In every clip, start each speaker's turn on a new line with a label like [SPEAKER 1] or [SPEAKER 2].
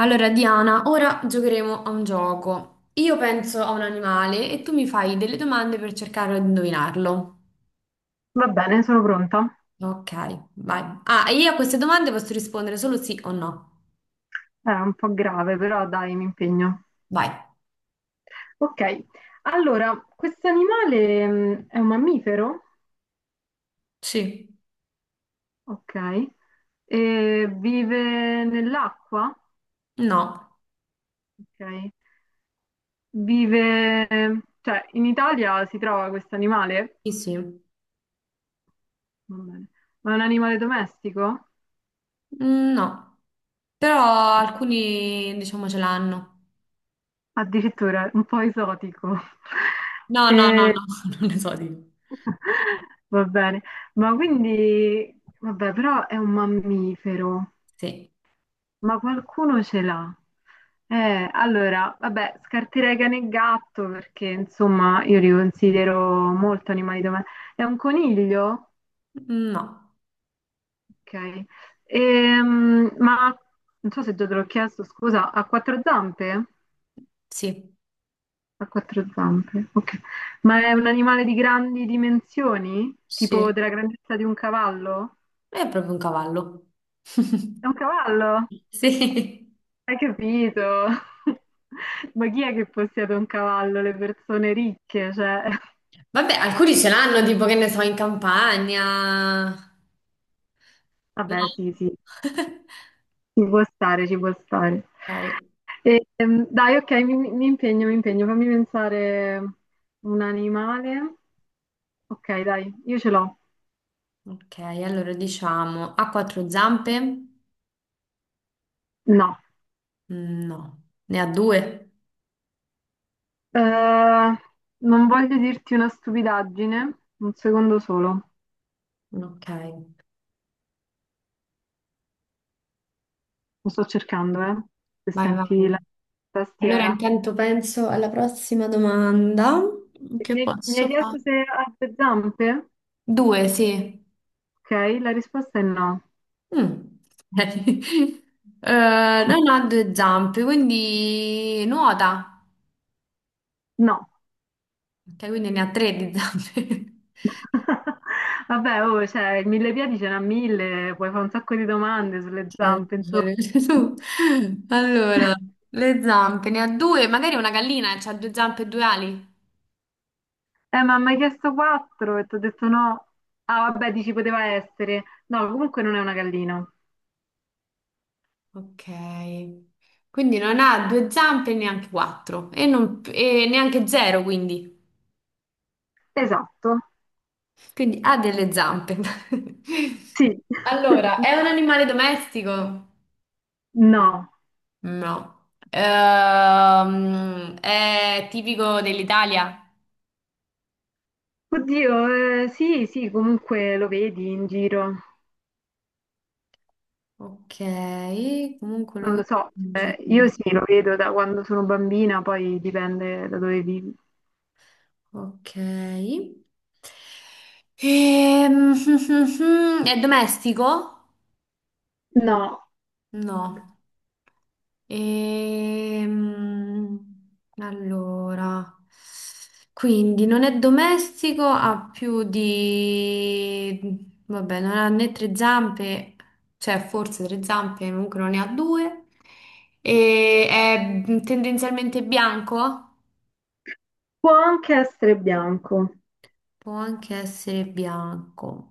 [SPEAKER 1] Allora, Diana, ora giocheremo a un gioco. Io penso a un animale e tu mi fai delle domande per cercare di indovinarlo.
[SPEAKER 2] Va bene, sono pronta.
[SPEAKER 1] Ok, vai. Ah, e io a queste domande posso rispondere solo sì o no.
[SPEAKER 2] Era un po' grave, però dai, mi impegno.
[SPEAKER 1] Vai.
[SPEAKER 2] Ok, allora, questo animale è un mammifero,
[SPEAKER 1] Sì.
[SPEAKER 2] ok, e vive nell'acqua,
[SPEAKER 1] No.
[SPEAKER 2] ok, vive, cioè in Italia si trova questo animale.
[SPEAKER 1] Sì, sì.
[SPEAKER 2] Va bene, ma è un animale domestico?
[SPEAKER 1] Mm, no. Però alcuni, diciamo, ce l'hanno.
[SPEAKER 2] Addirittura un po' esotico.
[SPEAKER 1] No, no, no,
[SPEAKER 2] E-
[SPEAKER 1] no, non ne so di.
[SPEAKER 2] Va bene, ma quindi, vabbè, però è un mammifero.
[SPEAKER 1] Sì.
[SPEAKER 2] Ma qualcuno ce l'ha. Allora, vabbè, scarterei cane e gatto perché insomma io li considero molto animali domestici. È un coniglio?
[SPEAKER 1] No.
[SPEAKER 2] Ok. Ma non so se già te l'ho chiesto, scusa, ha quattro zampe?
[SPEAKER 1] Sì.
[SPEAKER 2] Ha quattro zampe, ok. Ma è un animale di grandi dimensioni? Tipo
[SPEAKER 1] Sì.
[SPEAKER 2] della grandezza di un cavallo?
[SPEAKER 1] È proprio un cavallo.
[SPEAKER 2] È un cavallo?
[SPEAKER 1] Sì.
[SPEAKER 2] Hai capito? Ma chi è che possiede un cavallo? Le persone ricche, cioè...
[SPEAKER 1] Vabbè, alcuni ce l'hanno, tipo che ne so, in campagna. No?
[SPEAKER 2] Vabbè, sì, sì, ci può stare, ci può stare.
[SPEAKER 1] Ok,
[SPEAKER 2] E, dai, ok, mi impegno, mi impegno. Fammi pensare un animale. Ok, dai, io ce l'ho.
[SPEAKER 1] ok, allora diciamo ha quattro zampe?
[SPEAKER 2] No.
[SPEAKER 1] Mm, no, ne ha due.
[SPEAKER 2] Eh, non voglio dirti una stupidaggine, un secondo solo.
[SPEAKER 1] Ok,
[SPEAKER 2] Lo sto cercando, se
[SPEAKER 1] vai, vai.
[SPEAKER 2] senti la
[SPEAKER 1] Allora
[SPEAKER 2] tastiera.
[SPEAKER 1] intanto penso alla prossima domanda. Che
[SPEAKER 2] Mi hai
[SPEAKER 1] posso
[SPEAKER 2] chiesto
[SPEAKER 1] fare?
[SPEAKER 2] se ha due zampe?
[SPEAKER 1] Due, sì.
[SPEAKER 2] Ok, la risposta è no.
[SPEAKER 1] Mm. Non ha due zampe, quindi nuota.
[SPEAKER 2] No.
[SPEAKER 1] Ok, quindi ne ha tre di zampe.
[SPEAKER 2] Vabbè, oh, cioè, il mille piedi ce n'ha mille, puoi fare un sacco di domande sulle
[SPEAKER 1] Eh,
[SPEAKER 2] zampe, insomma.
[SPEAKER 1] tu. Allora, le zampe ne ha due, magari una gallina ha due zampe e due ali.
[SPEAKER 2] Ma mi hai chiesto quattro e ti ho detto no. Ah, vabbè, dici poteva essere. No, comunque non è una gallina.
[SPEAKER 1] Ok. Quindi non ha due zampe e neanche quattro e, e neanche zero, quindi.
[SPEAKER 2] Esatto.
[SPEAKER 1] Quindi ha delle zampe.
[SPEAKER 2] Sì.
[SPEAKER 1] Allora, è un animale domestico?
[SPEAKER 2] No.
[SPEAKER 1] No. È tipico dell'Italia?
[SPEAKER 2] Oddio, sì, sì, comunque lo vedi in giro.
[SPEAKER 1] Ok, comunque lo
[SPEAKER 2] Non lo
[SPEAKER 1] vedo
[SPEAKER 2] so,
[SPEAKER 1] in
[SPEAKER 2] cioè, io
[SPEAKER 1] giro.
[SPEAKER 2] sì, lo vedo da quando sono bambina, poi dipende da dove vivi.
[SPEAKER 1] Ok. Ehm, È domestico?
[SPEAKER 2] No,
[SPEAKER 1] No. Ehm, Allora, quindi non è domestico, ha più di... Vabbè, non ha né tre zampe, cioè forse tre zampe, comunque non ne ha due. E è tendenzialmente bianco?
[SPEAKER 2] può anche essere bianco.
[SPEAKER 1] Può anche essere bianco.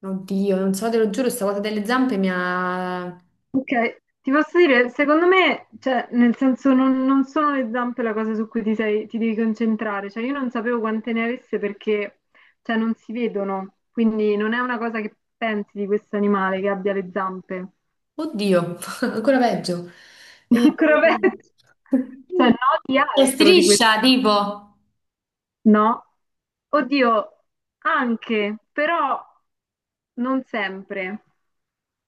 [SPEAKER 1] Oddio, non so, te lo giuro, sta cosa delle zampe mi ha...
[SPEAKER 2] Ok, ti posso dire, secondo me, cioè, nel senso, non sono le zampe la cosa su cui ti, sei- ti devi concentrare. Cioè, io non sapevo quante ne avesse perché, cioè, non si vedono, quindi non è una cosa che pensi di questo animale che abbia le zampe.
[SPEAKER 1] Oddio, ancora peggio. Eh,
[SPEAKER 2] Ancora peggio. Cioè, no, di
[SPEAKER 1] Che
[SPEAKER 2] altro di questo.
[SPEAKER 1] striscia, tipo.
[SPEAKER 2] No. Oddio, anche, però non sempre.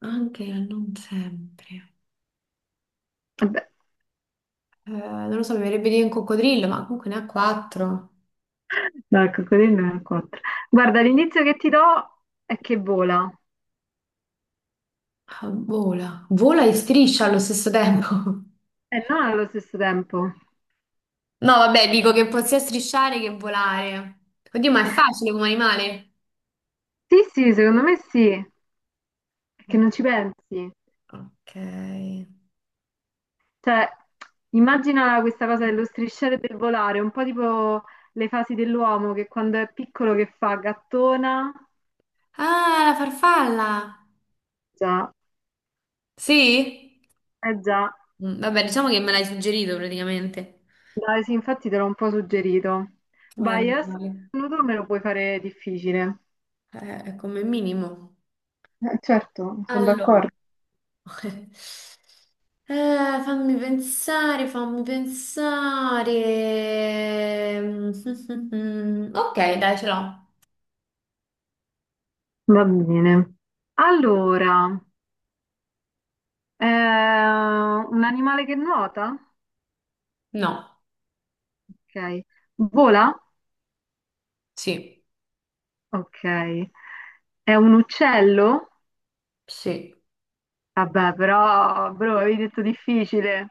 [SPEAKER 1] Anche non sempre.
[SPEAKER 2] Vabbè.
[SPEAKER 1] Non lo so, mi verrebbe di dire un coccodrillo, ma comunque ne ha quattro.
[SPEAKER 2] No, il coccodrillo ne ha quattro. Guarda, l'indizio che ti do è che vola.
[SPEAKER 1] Ah, vola. Vola e striscia allo stesso tempo.
[SPEAKER 2] E non allo stesso tempo.
[SPEAKER 1] No, vabbè, dico che può sia strisciare che volare. Oddio, ma è facile come animale.
[SPEAKER 2] Sì, sì, secondo me sì, perché
[SPEAKER 1] O-
[SPEAKER 2] non ci pensi.
[SPEAKER 1] Ok.
[SPEAKER 2] Cioè, immagina questa cosa dello strisciare e del volare, un po' tipo le fasi dell'uomo che quando è piccolo che fa gattona.
[SPEAKER 1] Ah, la farfalla.
[SPEAKER 2] Già,
[SPEAKER 1] Sì?
[SPEAKER 2] eh già.
[SPEAKER 1] Mm, vabbè, diciamo che me l'hai suggerito praticamente.
[SPEAKER 2] Dai, sì, infatti te l'ho un po' suggerito.
[SPEAKER 1] Vabbè,
[SPEAKER 2] Vai,
[SPEAKER 1] non
[SPEAKER 2] adesso
[SPEAKER 1] vale.
[SPEAKER 2] tu me lo puoi fare difficile.
[SPEAKER 1] È come minimo.
[SPEAKER 2] Certo, sono
[SPEAKER 1] Allora,
[SPEAKER 2] d'accordo.
[SPEAKER 1] eh, fammi pensare. Mm, mm, mm. Ok, dai, ce l'ho.
[SPEAKER 2] Va bene. Allora, un animale che nuota?
[SPEAKER 1] No,
[SPEAKER 2] Ok. Vola?
[SPEAKER 1] sì,
[SPEAKER 2] Ok. È un uccello?
[SPEAKER 1] sì.
[SPEAKER 2] Vabbè, però, bro, avevi detto difficile.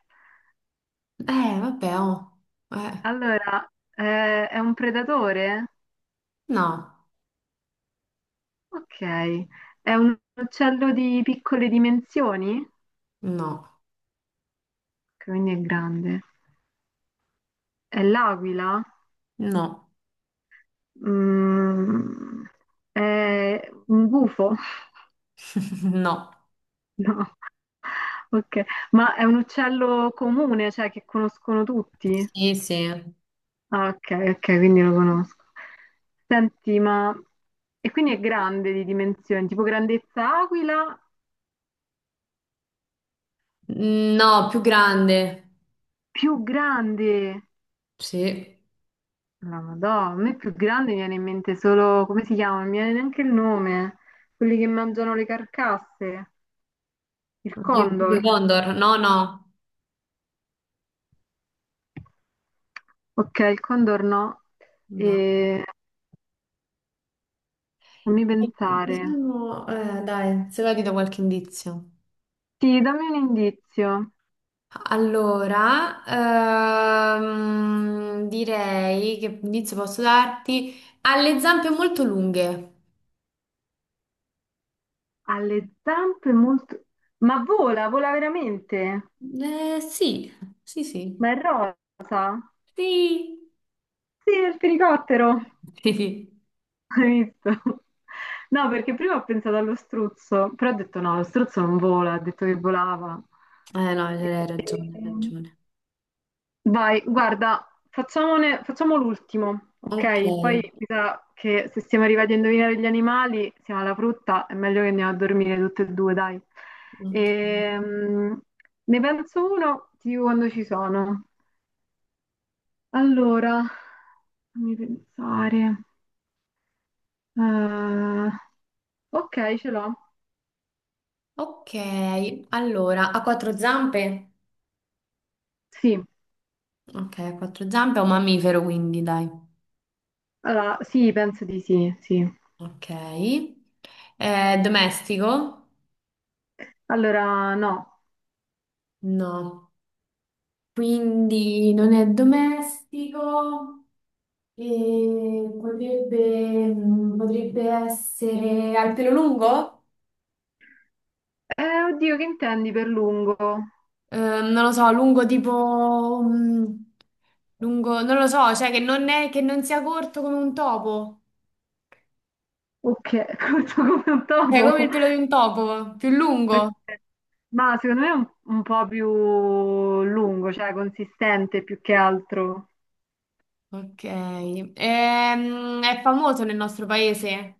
[SPEAKER 1] Vabbè, oh. Eh,
[SPEAKER 2] Allora, è un predatore?
[SPEAKER 1] no,
[SPEAKER 2] Ok. È un uccello di piccole dimensioni? Ok,
[SPEAKER 1] no,
[SPEAKER 2] quindi è grande. È l'aquila?
[SPEAKER 1] no,
[SPEAKER 2] Mm, è un gufo?
[SPEAKER 1] no.
[SPEAKER 2] No. Ok. Ma è un uccello comune, cioè che conoscono tutti?
[SPEAKER 1] Sì, sì.
[SPEAKER 2] Ah, ok, ok, quindi lo conosco. Senti, ma... E quindi è grande di dimensioni, tipo grandezza aquila,
[SPEAKER 1] No, più grande.
[SPEAKER 2] più grande.
[SPEAKER 1] Sì.
[SPEAKER 2] La Madonna, a me più grande mi viene in mente solo... come si chiama? Non mi viene neanche il nome. Quelli che mangiano le carcasse. Il
[SPEAKER 1] Oddio, tipo
[SPEAKER 2] condor.
[SPEAKER 1] i Condor. No, no,
[SPEAKER 2] Ok, il condor no.
[SPEAKER 1] no.
[SPEAKER 2] E... Fammi pensare.
[SPEAKER 1] Diciamo, dai, se va ti do qualche indizio.
[SPEAKER 2] Sì, dammi un indizio.
[SPEAKER 1] Allora, direi che inizio posso darti ha le zampe molto lunghe.
[SPEAKER 2] Ha le zampe molto... Ma vola, vola veramente?
[SPEAKER 1] Sì, sì, sì.
[SPEAKER 2] Ma è rosa?
[SPEAKER 1] Sì.
[SPEAKER 2] Sì, è il fenicottero.
[SPEAKER 1] Sì.
[SPEAKER 2] Hai visto? No, perché prima ho pensato allo struzzo, però ho detto no, lo struzzo non vola, ha detto che volava.
[SPEAKER 1] Eh no, hai ragione, hai
[SPEAKER 2] Ehm,
[SPEAKER 1] ragione.
[SPEAKER 2] Vai, guarda, facciamone- facciamo l'ultimo,
[SPEAKER 1] Ok,
[SPEAKER 2] ok? Poi mi sa che se siamo arrivati a indovinare gli animali, siamo alla frutta, è meglio che andiamo a dormire tutte e due, dai.
[SPEAKER 1] ok.
[SPEAKER 2] Ehm, ne penso uno, ti dico quando ci sono. Allora, fammi pensare. Eh, ok, ce l'ho.
[SPEAKER 1] Ok, allora, ha quattro zampe?
[SPEAKER 2] Sì,
[SPEAKER 1] Ok, ha quattro zampe, è un mammifero quindi, dai.
[SPEAKER 2] allora, sì, penso di sì, sì.
[SPEAKER 1] Ok. Domestico?
[SPEAKER 2] Allora, no.
[SPEAKER 1] No. Quindi non è domestico e potrebbe, mm, potrebbe essere al pelo lungo?
[SPEAKER 2] Oddio, che intendi per lungo?
[SPEAKER 1] Non lo so, lungo tipo... mm, lungo, non lo so, cioè che non è, che non sia corto come un topo,
[SPEAKER 2] Ok, corto come un
[SPEAKER 1] cioè come
[SPEAKER 2] topo.
[SPEAKER 1] il pelo di un topo, più lungo.
[SPEAKER 2] Ok. Ma secondo me è un po' più lungo, cioè consistente più che altro.
[SPEAKER 1] Ok, è famoso nel nostro paese,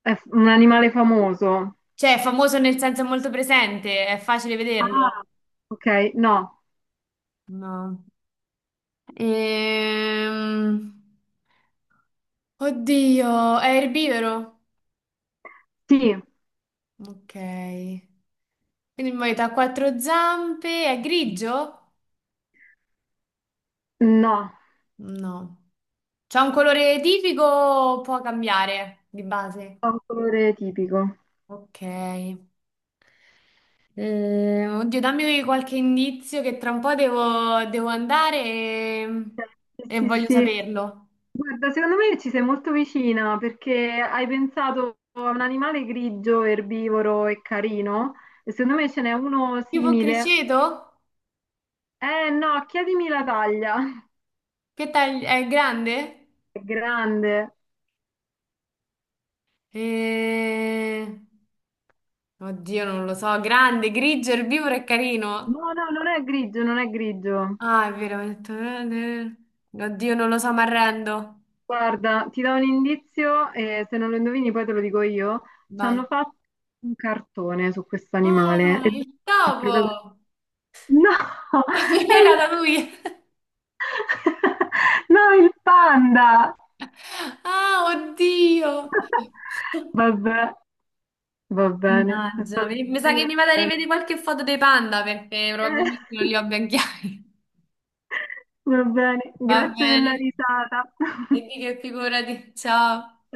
[SPEAKER 2] È f- un animale famoso.
[SPEAKER 1] cioè è famoso nel senso è molto presente, è facile
[SPEAKER 2] Ah,
[SPEAKER 1] vederlo.
[SPEAKER 2] ok, no.
[SPEAKER 1] No. Ehm, Oddio, è erbivoro?
[SPEAKER 2] Sì,
[SPEAKER 1] Ok. Quindi muoio ha quattro zampe, è grigio?
[SPEAKER 2] no,
[SPEAKER 1] No. C'ha un colore tipico o può cambiare di base?
[SPEAKER 2] ha un colore tipico.
[SPEAKER 1] Ok. Oddio, dammi qualche indizio che tra un po' devo,
[SPEAKER 2] Sì,
[SPEAKER 1] e
[SPEAKER 2] sì,
[SPEAKER 1] voglio
[SPEAKER 2] sì.
[SPEAKER 1] saperlo.
[SPEAKER 2] Guarda, secondo me ci sei molto vicina perché hai pensato a un animale grigio, erbivoro e carino e secondo me ce n'è uno
[SPEAKER 1] Tipo
[SPEAKER 2] simile.
[SPEAKER 1] criceto?
[SPEAKER 2] Eh no, chiedimi la taglia.
[SPEAKER 1] Che taglio? È grande?
[SPEAKER 2] È grande.
[SPEAKER 1] Eh, Oddio, non lo so. Grande, grigio, erbivoro e carino.
[SPEAKER 2] No, no, non è grigio, non è grigio.
[SPEAKER 1] Ah, è vero, ho detto. Eh, eh. Oddio, non lo so, mi arrendo.
[SPEAKER 2] Guarda, ti do un indizio e se non lo indovini poi te lo dico io. Ci
[SPEAKER 1] Vai.
[SPEAKER 2] hanno fatto un cartone su questo animale.
[SPEAKER 1] Ah,
[SPEAKER 2] E
[SPEAKER 1] il
[SPEAKER 2] il protagonista-
[SPEAKER 1] topo!
[SPEAKER 2] No,
[SPEAKER 1] Non
[SPEAKER 2] è
[SPEAKER 1] era
[SPEAKER 2] il...
[SPEAKER 1] da lui.
[SPEAKER 2] no, il panda.
[SPEAKER 1] Ah, oddio.
[SPEAKER 2] Vabbè, va bene, è
[SPEAKER 1] Mannaggia,
[SPEAKER 2] stato
[SPEAKER 1] mi sa che mi vado a
[SPEAKER 2] divertente.
[SPEAKER 1] rivedere qualche foto dei panda perché probabilmente non li ho ben chiari.
[SPEAKER 2] Va bene,
[SPEAKER 1] Va
[SPEAKER 2] grazie della
[SPEAKER 1] bene.
[SPEAKER 2] risata.
[SPEAKER 1] E di che figurati. Ciao.